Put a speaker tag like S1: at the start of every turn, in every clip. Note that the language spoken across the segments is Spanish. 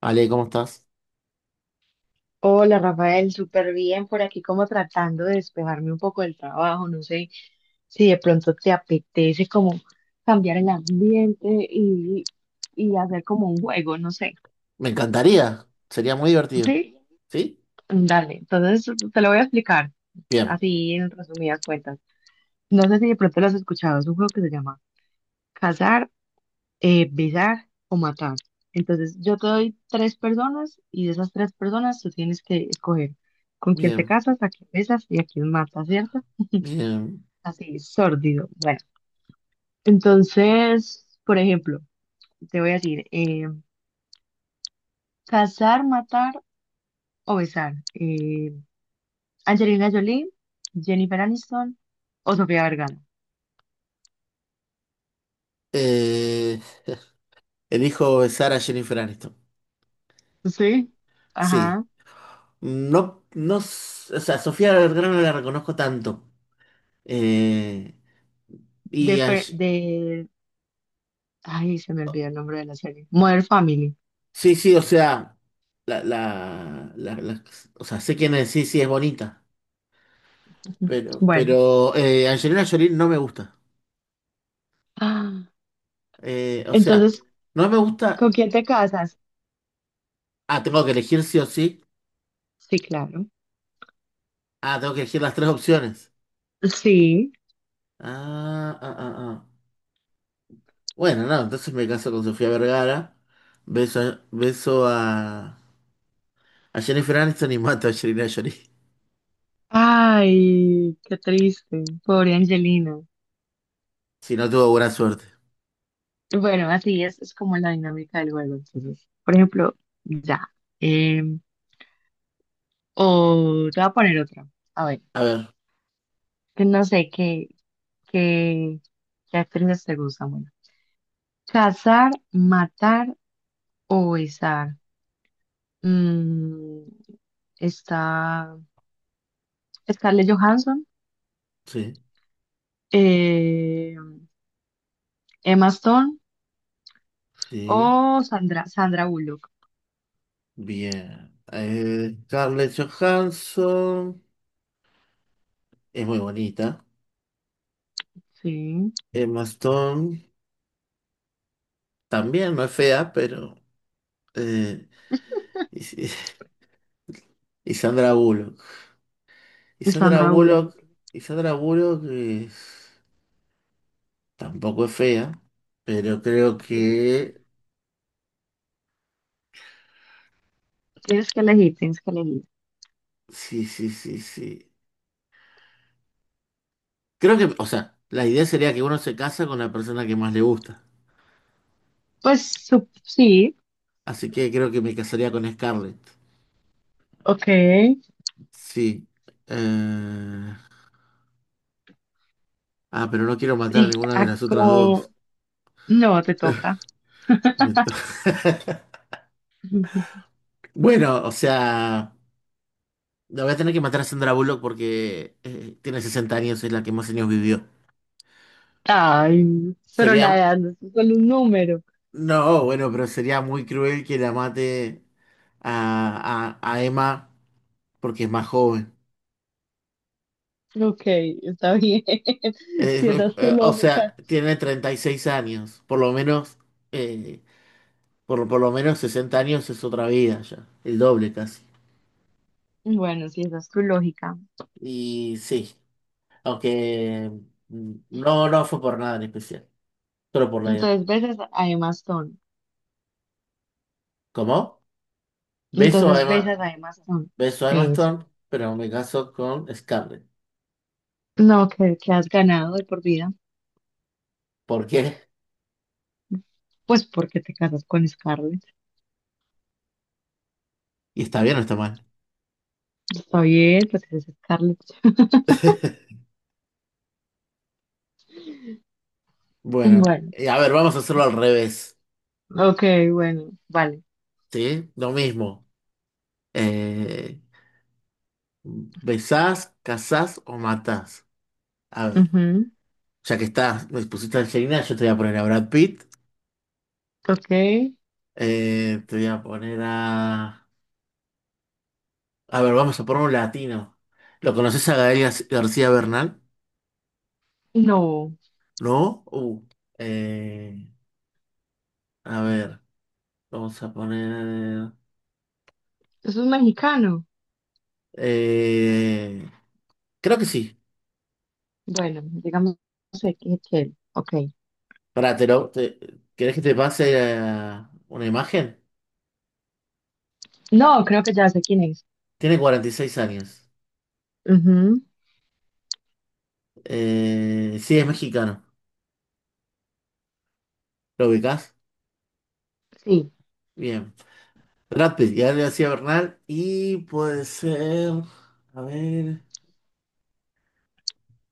S1: Ale, ¿cómo estás?
S2: Hola Rafael, súper bien por aquí, como tratando de despejarme un poco del trabajo. No sé si de pronto te apetece como cambiar el ambiente y, hacer como un juego, no sé,
S1: Me encantaría, sería muy divertido.
S2: ¿sí?
S1: ¿Sí?
S2: Dale, entonces te lo voy a explicar
S1: Bien,
S2: así, en resumidas cuentas. No sé si de pronto lo has escuchado, es un juego que se llama Cazar, Besar o Matar. Entonces yo te doy tres personas y de esas tres personas tú tienes que escoger con quién te
S1: bien,
S2: casas, a quién besas y a quién matas, ¿cierto?
S1: bien.
S2: Así, sórdido. Bueno, entonces, por ejemplo, te voy a decir, casar, matar o besar. Angelina Jolie, Jennifer Aniston o Sofía Vergara.
S1: Eh, elijo besar a Jennifer Aniston.
S2: Sí.
S1: Sí,
S2: Ajá.
S1: no, no, o sea, Sofía Vergara no la reconozco tanto. Eh,
S2: De,
S1: y a
S2: Fer-
S1: Ye-
S2: de... Ay, se me olvidó el nombre de la serie. Modern Family.
S1: sí, sí, o sea, la o sea, sé quién es, sí, sí, es bonita, pero,
S2: Bueno.
S1: pero Angelina Jolie no me gusta.
S2: Ah,
S1: O sea,
S2: entonces,
S1: no me gusta.
S2: ¿con quién te casas?
S1: Ah, tengo que elegir sí o sí.
S2: Sí, claro.
S1: Ah, tengo que elegir las tres opciones.
S2: Sí.
S1: Ah, ah, ah, ah. Bueno, no, entonces me caso con Sofía Vergara. Beso, beso a Jennifer Aniston y mato a Angelina Jolie.
S2: Ay, qué triste. Pobre Angelina.
S1: Si no tuvo buena suerte.
S2: Bueno, así es como la dinámica del juego. Entonces, por ejemplo, ya. em, o te voy a poner otra. A ver,
S1: A ver,
S2: que no sé qué, qué actrices te gustan. Bueno, cazar, matar o besar. Mm, está Scarlett Johansson,
S1: sí,
S2: eh, Emma Stone
S1: sí,
S2: o Sandra Bullock.
S1: bien. Scarlett Johansson es muy bonita.
S2: Sí,
S1: Emma Stone también, no es fea, pero eh, y, y- y Sandra Bullock. Y Sandra
S2: Sandra
S1: Bullock,
S2: Bullock.
S1: y Sandra Bullock es. Tampoco es fea, pero creo que
S2: Tienes que elegir, tienes que elegir.
S1: sí, sí, sí, sí. Creo que, o sea, la idea sería que uno se casa con la persona que más le gusta.
S2: Pues sí,
S1: Así que creo que me casaría con Scarlett.
S2: ok.
S1: Sí. Eh, Ah, pero no quiero matar a
S2: Y
S1: ninguna de
S2: a-
S1: las otras dos.
S2: como, no, te toca.
S1: Me to- Bueno, o sea, la voy a tener que matar a Sandra Bullock porque tiene 60 años, es la que más años vivió.
S2: Ay, pero
S1: Sería,
S2: la edad no es solo un número.
S1: no, bueno, pero sería muy cruel que la mate a, a Emma, porque es más joven.
S2: Ok, está bien.
S1: Eh,
S2: Si esa es tu
S1: o
S2: lógica.
S1: sea, tiene 36 años, por lo menos, eh, por lo menos 60 años es otra vida ya, el doble casi.
S2: Bueno, si esa es tu lógica.
S1: Y sí, aunque no, no fue por nada en especial, solo por la edad.
S2: Entonces besas a Emma Stone.
S1: ¿Cómo? Beso a
S2: Entonces
S1: Emma,
S2: besas a Emma Stone.
S1: beso a Emma
S2: Eso.
S1: Stone, pero me caso con Scarlett.
S2: No, que, has ganado de por vida.
S1: ¿Por qué?
S2: Pues porque te casas con Scarlett.
S1: ¿Y está bien o está mal?
S2: Está bien, pues eres Scarlett.
S1: Bueno,
S2: Bueno,
S1: a ver, vamos a hacerlo al revés,
S2: ok, bueno, vale.
S1: ¿sí? Lo mismo. Eh, ¿Besás, casás o matás? A ver,
S2: Ujú,
S1: ya que estás, me pusiste a Angelina, yo te voy a poner a Brad Pitt.
S2: ok.
S1: Te voy a poner a. A ver, vamos a poner un latino. ¿Lo conoces a García Bernal?
S2: No,
S1: ¿No? Eh, a ver, vamos a poner.
S2: eso es mexicano.
S1: Eh, creo que sí.
S2: Bueno, digamos Excel. Ok.
S1: Pará, ¿querés que te pase una imagen?
S2: No, creo que ya sé quién es.
S1: Tiene 46 años.
S2: Ujú.
S1: Sí, es mexicano. ¿Lo ubicás?
S2: Sí.
S1: Bien. Brad Pitt, ya le hacía Bernal. Y puede ser. A ver.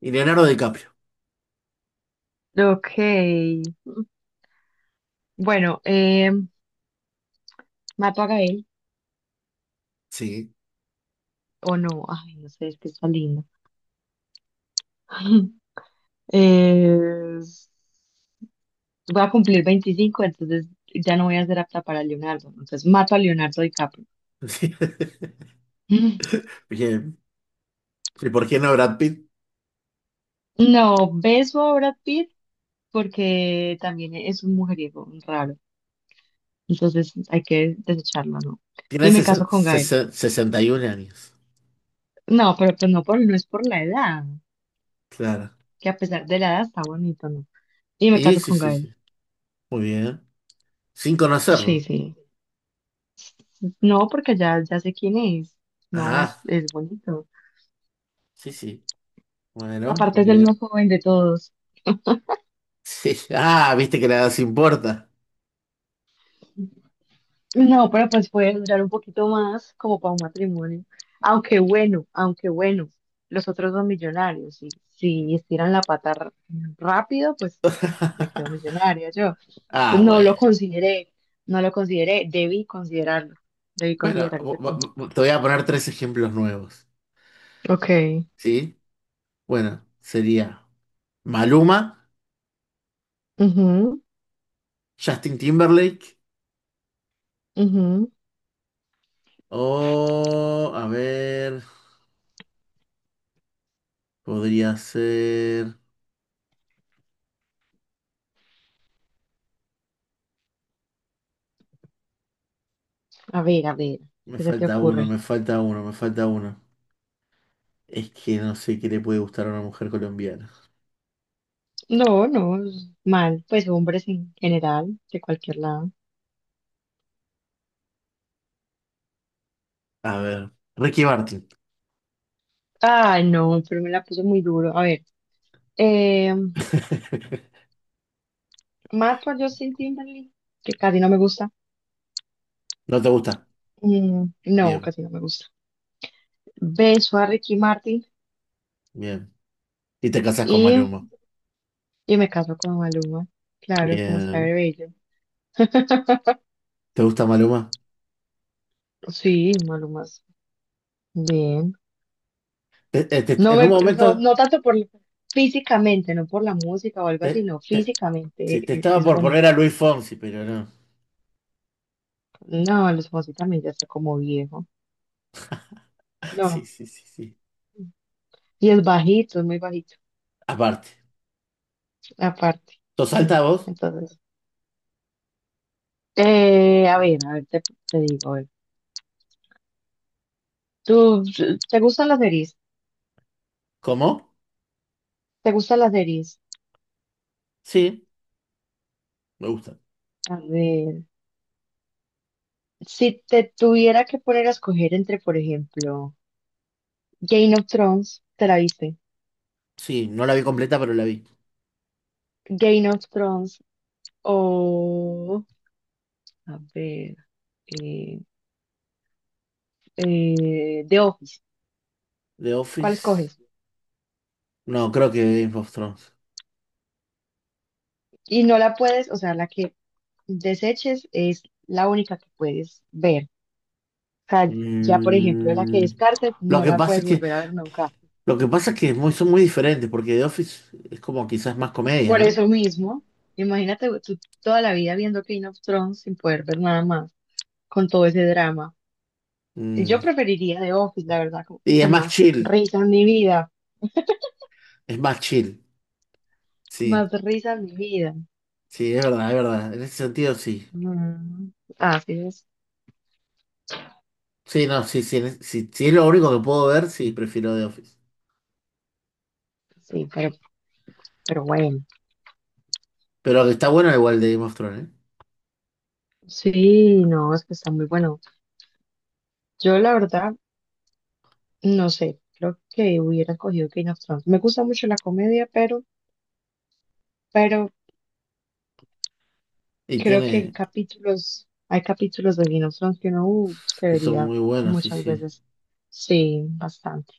S1: Y Leonardo DiCaprio.
S2: Ok. Bueno, ¿mato a Gael
S1: Sí.
S2: o no? Ay, no sé, es que está lindo. Es- Voy a cumplir 25, entonces ya no voy a ser apta para Leonardo. Entonces mato a Leonardo DiCaprio.
S1: Sí. Bien. ¿Y por qué no Brad Pitt?
S2: Mm. No, beso a Brad Pitt porque también es un mujeriego raro. Entonces hay que desecharlo, ¿no?
S1: Tiene
S2: Y me caso con Gael.
S1: 61 años.
S2: No, pero pues no, por, no es por la edad,
S1: Claro.
S2: que a pesar de la edad está bonito, ¿no? Y me
S1: Y
S2: caso
S1: sí,
S2: con
S1: sí,
S2: Gael.
S1: sí. Muy bien. Sin
S2: Sí,
S1: conocerlo.
S2: sí. No, porque ya sé quién es. No,
S1: Ah,
S2: es bonito.
S1: sí, sí. Bueno,
S2: Aparte es
S1: muy
S2: el
S1: bien.
S2: más joven de todos.
S1: Sí. Ah, viste que la edad se importa.
S2: No, pero pues puede durar un poquito más, como para un matrimonio. Aunque bueno, los otros dos millonarios. Y si estiran la pata rápido, pues me quedo millonaria yo. Yo
S1: Ah,
S2: no lo
S1: bueno.
S2: consideré, Debí considerarlo, debí
S1: Bueno,
S2: considerar ese punto.
S1: te voy a poner tres ejemplos nuevos.
S2: Ok.
S1: ¿Sí? Bueno, sería Maluma.
S2: Ujú,
S1: Justin Timberlake.
S2: ujú.
S1: O, a ver, podría ser...
S2: A ver,
S1: Me
S2: ¿qué se te
S1: falta uno,
S2: ocurre?
S1: me falta uno, me falta uno. Es que no sé qué le puede gustar a una mujer colombiana.
S2: No, no, es mal, pues hombres en general, de cualquier lado.
S1: A ver, Ricky Martin.
S2: Ay, no, pero me la puso muy duro. A ver, eh, mato a Justin Timberlake, que casi no me gusta.
S1: ¿No te gusta?
S2: Mm, no,
S1: Bien,
S2: casi no me gusta. Beso a Ricky Martin
S1: bien. Y te casas con
S2: y,
S1: Maluma.
S2: me caso con Maluma. Claro, como está
S1: Bien.
S2: de bello.
S1: ¿Te gusta Maluma?
S2: Sí, Maluma, es bien.
S1: Te- te- en un momento
S2: No tanto por físicamente, no por la música o algo así,
S1: te,
S2: no,
S1: te, Sí, te
S2: físicamente
S1: estaba
S2: es,
S1: por poner
S2: bonito.
S1: a Luis Fonsi, pero no.
S2: No, los Fonsi también ya está como viejo.
S1: Sí,
S2: No.
S1: sí, sí, sí.
S2: Y es bajito, es muy bajito.
S1: Aparte.
S2: Aparte,
S1: ¿Sos
S2: sí.
S1: alta vos?
S2: Entonces, eh, a ver, a ver, te, te digo, a ver. ¿Tú, ¿te gustan las series?
S1: ¿Cómo?
S2: ¿Te gustan las series?
S1: Sí, me gusta.
S2: A ver, si te tuviera que poner a escoger entre, por ejemplo, Game of Thrones, ¿te la viste?
S1: Sí, no la vi completa, pero la vi.
S2: Game of Thrones o, a ver, eh, The Office.
S1: The
S2: ¿Cuál
S1: Office.
S2: escoges?
S1: No, creo que Game of Thrones.
S2: Y no la puedes, o sea, la que deseches es la única que puedes ver. O sea, ya, por ejemplo, la que
S1: Mm,
S2: descartes
S1: lo
S2: no
S1: que
S2: la
S1: pasa es
S2: puedes
S1: que,
S2: volver a ver nunca.
S1: lo que pasa es que es son muy diferentes, porque The Office es como quizás más comedia,
S2: Por
S1: ¿no?
S2: eso mismo, imagínate tú toda la vida viendo King of Thrones sin poder ver nada más, con todo ese drama. Yo
S1: Mm,
S2: preferiría The Office, la verdad, como
S1: y
S2: que
S1: es más
S2: más
S1: chill,
S2: risa en mi vida,
S1: es más chill.
S2: más
S1: Sí,
S2: risa en mi vida.
S1: sí, es verdad, es verdad. En ese sentido, sí.
S2: Mm, así es,
S1: Sí, no, sí, sí, sí, si es lo único que puedo ver, sí, prefiero The Office.
S2: sí, pero, bueno.
S1: Pero que está bueno igual de Game of Thrones, ¿eh?
S2: Sí, no, es que está muy bueno. Yo la verdad, no sé, creo que hubiera cogido Game of Thrones. Me gusta mucho la comedia, pero, pero
S1: Y
S2: creo que hay
S1: tiene,
S2: capítulos, de Game of Thrones que uno se
S1: que son
S2: vería
S1: muy buenos, sí,
S2: muchas
S1: sí,
S2: veces. Sí, bastante.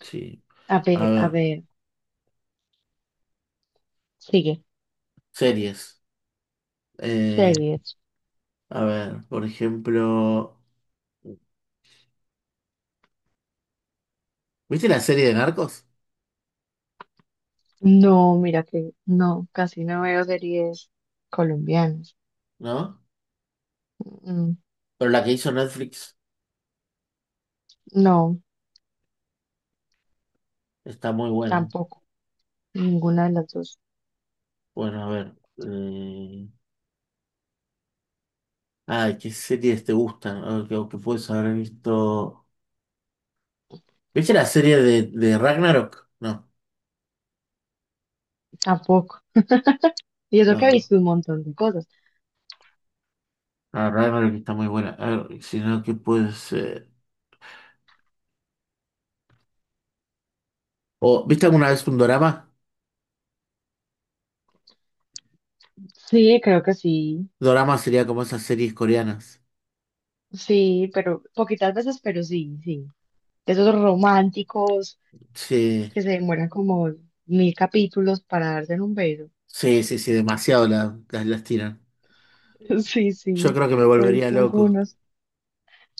S1: sí. A
S2: A
S1: ver,
S2: ver, sigue.
S1: series. eh,
S2: Series.
S1: A ver, por ejemplo, ¿viste la serie de Narcos?
S2: No, mira que no, casi no veo series colombianas.
S1: ¿No?
S2: Mm, mm,
S1: Pero la que hizo Netflix
S2: no,
S1: está muy buena.
S2: tampoco. Ninguna de las dos.
S1: Bueno, a ver. Ay, ¿qué series te gustan? A ver, que puedes haber visto. ¿Viste la serie de Ragnarok? No,
S2: Tampoco. Y eso que he
S1: no.
S2: visto un montón de cosas.
S1: Ah, Ragnarok está muy buena. A ver, si no, ¿qué puede ser? ¿O viste alguna vez un dorama?
S2: Sí, creo que sí.
S1: Dorama sería como esas series coreanas.
S2: Sí, pero poquitas veces, pero sí, sí. De esos románticos
S1: Sí,
S2: que se demoran como 1000 capítulos para darse en un beso.
S1: sí, sí, sí, demasiado las tiran.
S2: Sí, sí,
S1: Yo creo que me
S2: he
S1: volvería
S2: visto
S1: loco.
S2: algunos.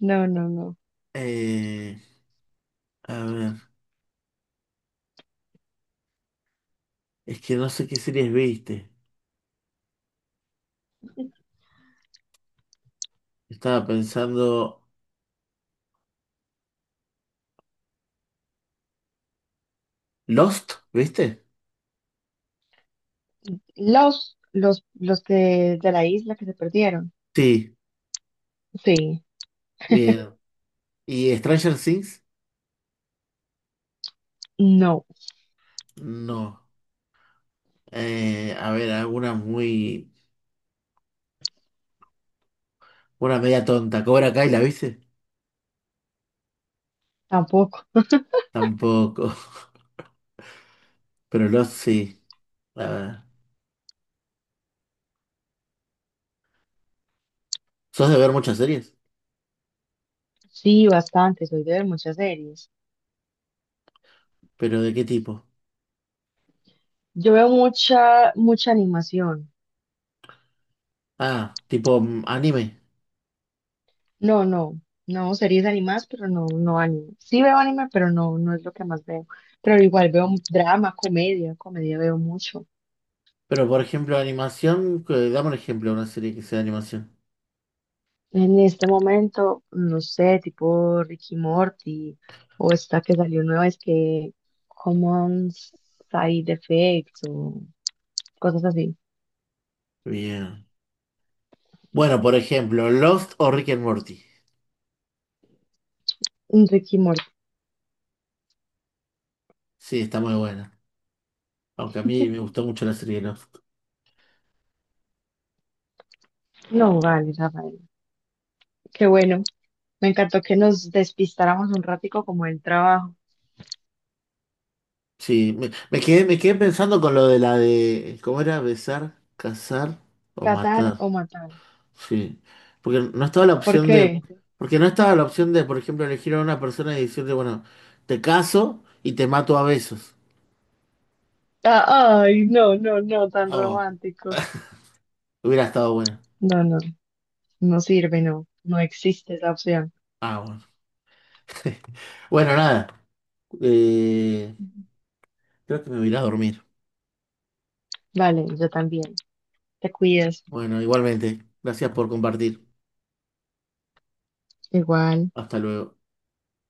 S2: No, no, no.
S1: Eh, A ver, es que no sé qué series viste. Estaba pensando. ¿Lost? ¿Viste?
S2: Los que de la isla que se perdieron.
S1: Sí,
S2: Sí,
S1: bien. ¿Y Stranger Things?
S2: no,
S1: No. A ver, alguna muy. Una media tonta. ¿Cobra Kai la viste?
S2: tampoco.
S1: Tampoco. Pero Lost sí. A ver. ¿Sos de ver muchas series?
S2: Sí, bastante, soy de ver muchas series.
S1: ¿Pero de qué tipo?
S2: Yo veo mucha animación.
S1: Ah, tipo anime.
S2: No, no, no, series animadas, pero no, no anime. Sí veo anime, pero no, no es lo que más veo. Pero igual veo drama, comedia veo mucho.
S1: Pero por ejemplo, animación. Dame un ejemplo de una serie que sea de animación.
S2: En este momento, no sé, tipo Ricky Morty, o esta que salió nueva, es que Common Side Effects, o cosas así.
S1: Bien. Bueno, por ejemplo, Lost o Rick and Morty.
S2: Un Ricky Morty.
S1: Sí, está muy buena. Aunque a mí me gustó mucho la serie Lost.
S2: No, vale, Rafael. Qué bueno. Me encantó que nos despistáramos un ratico como el trabajo.
S1: Sí, me quedé pensando con lo de la de, ¿cómo era? Besar, cazar o
S2: Cazar
S1: matar.
S2: o matar.
S1: Sí. Porque no estaba la
S2: ¿Por
S1: opción de,
S2: qué?
S1: porque no estaba la opción de, por ejemplo, elegir a una persona y decirle, bueno, te caso y te mato a besos.
S2: Ah, ay, no, no, no, tan
S1: Oh,
S2: romántico.
S1: hubiera estado bueno.
S2: No, no, no sirve, no, no existe esa opción.
S1: Ah, bueno. Bueno, nada. Eh, Creo que me voy a ir a dormir.
S2: Vale, yo también. Te cuidas.
S1: Bueno, igualmente. Gracias por compartir.
S2: Igual.
S1: Hasta luego.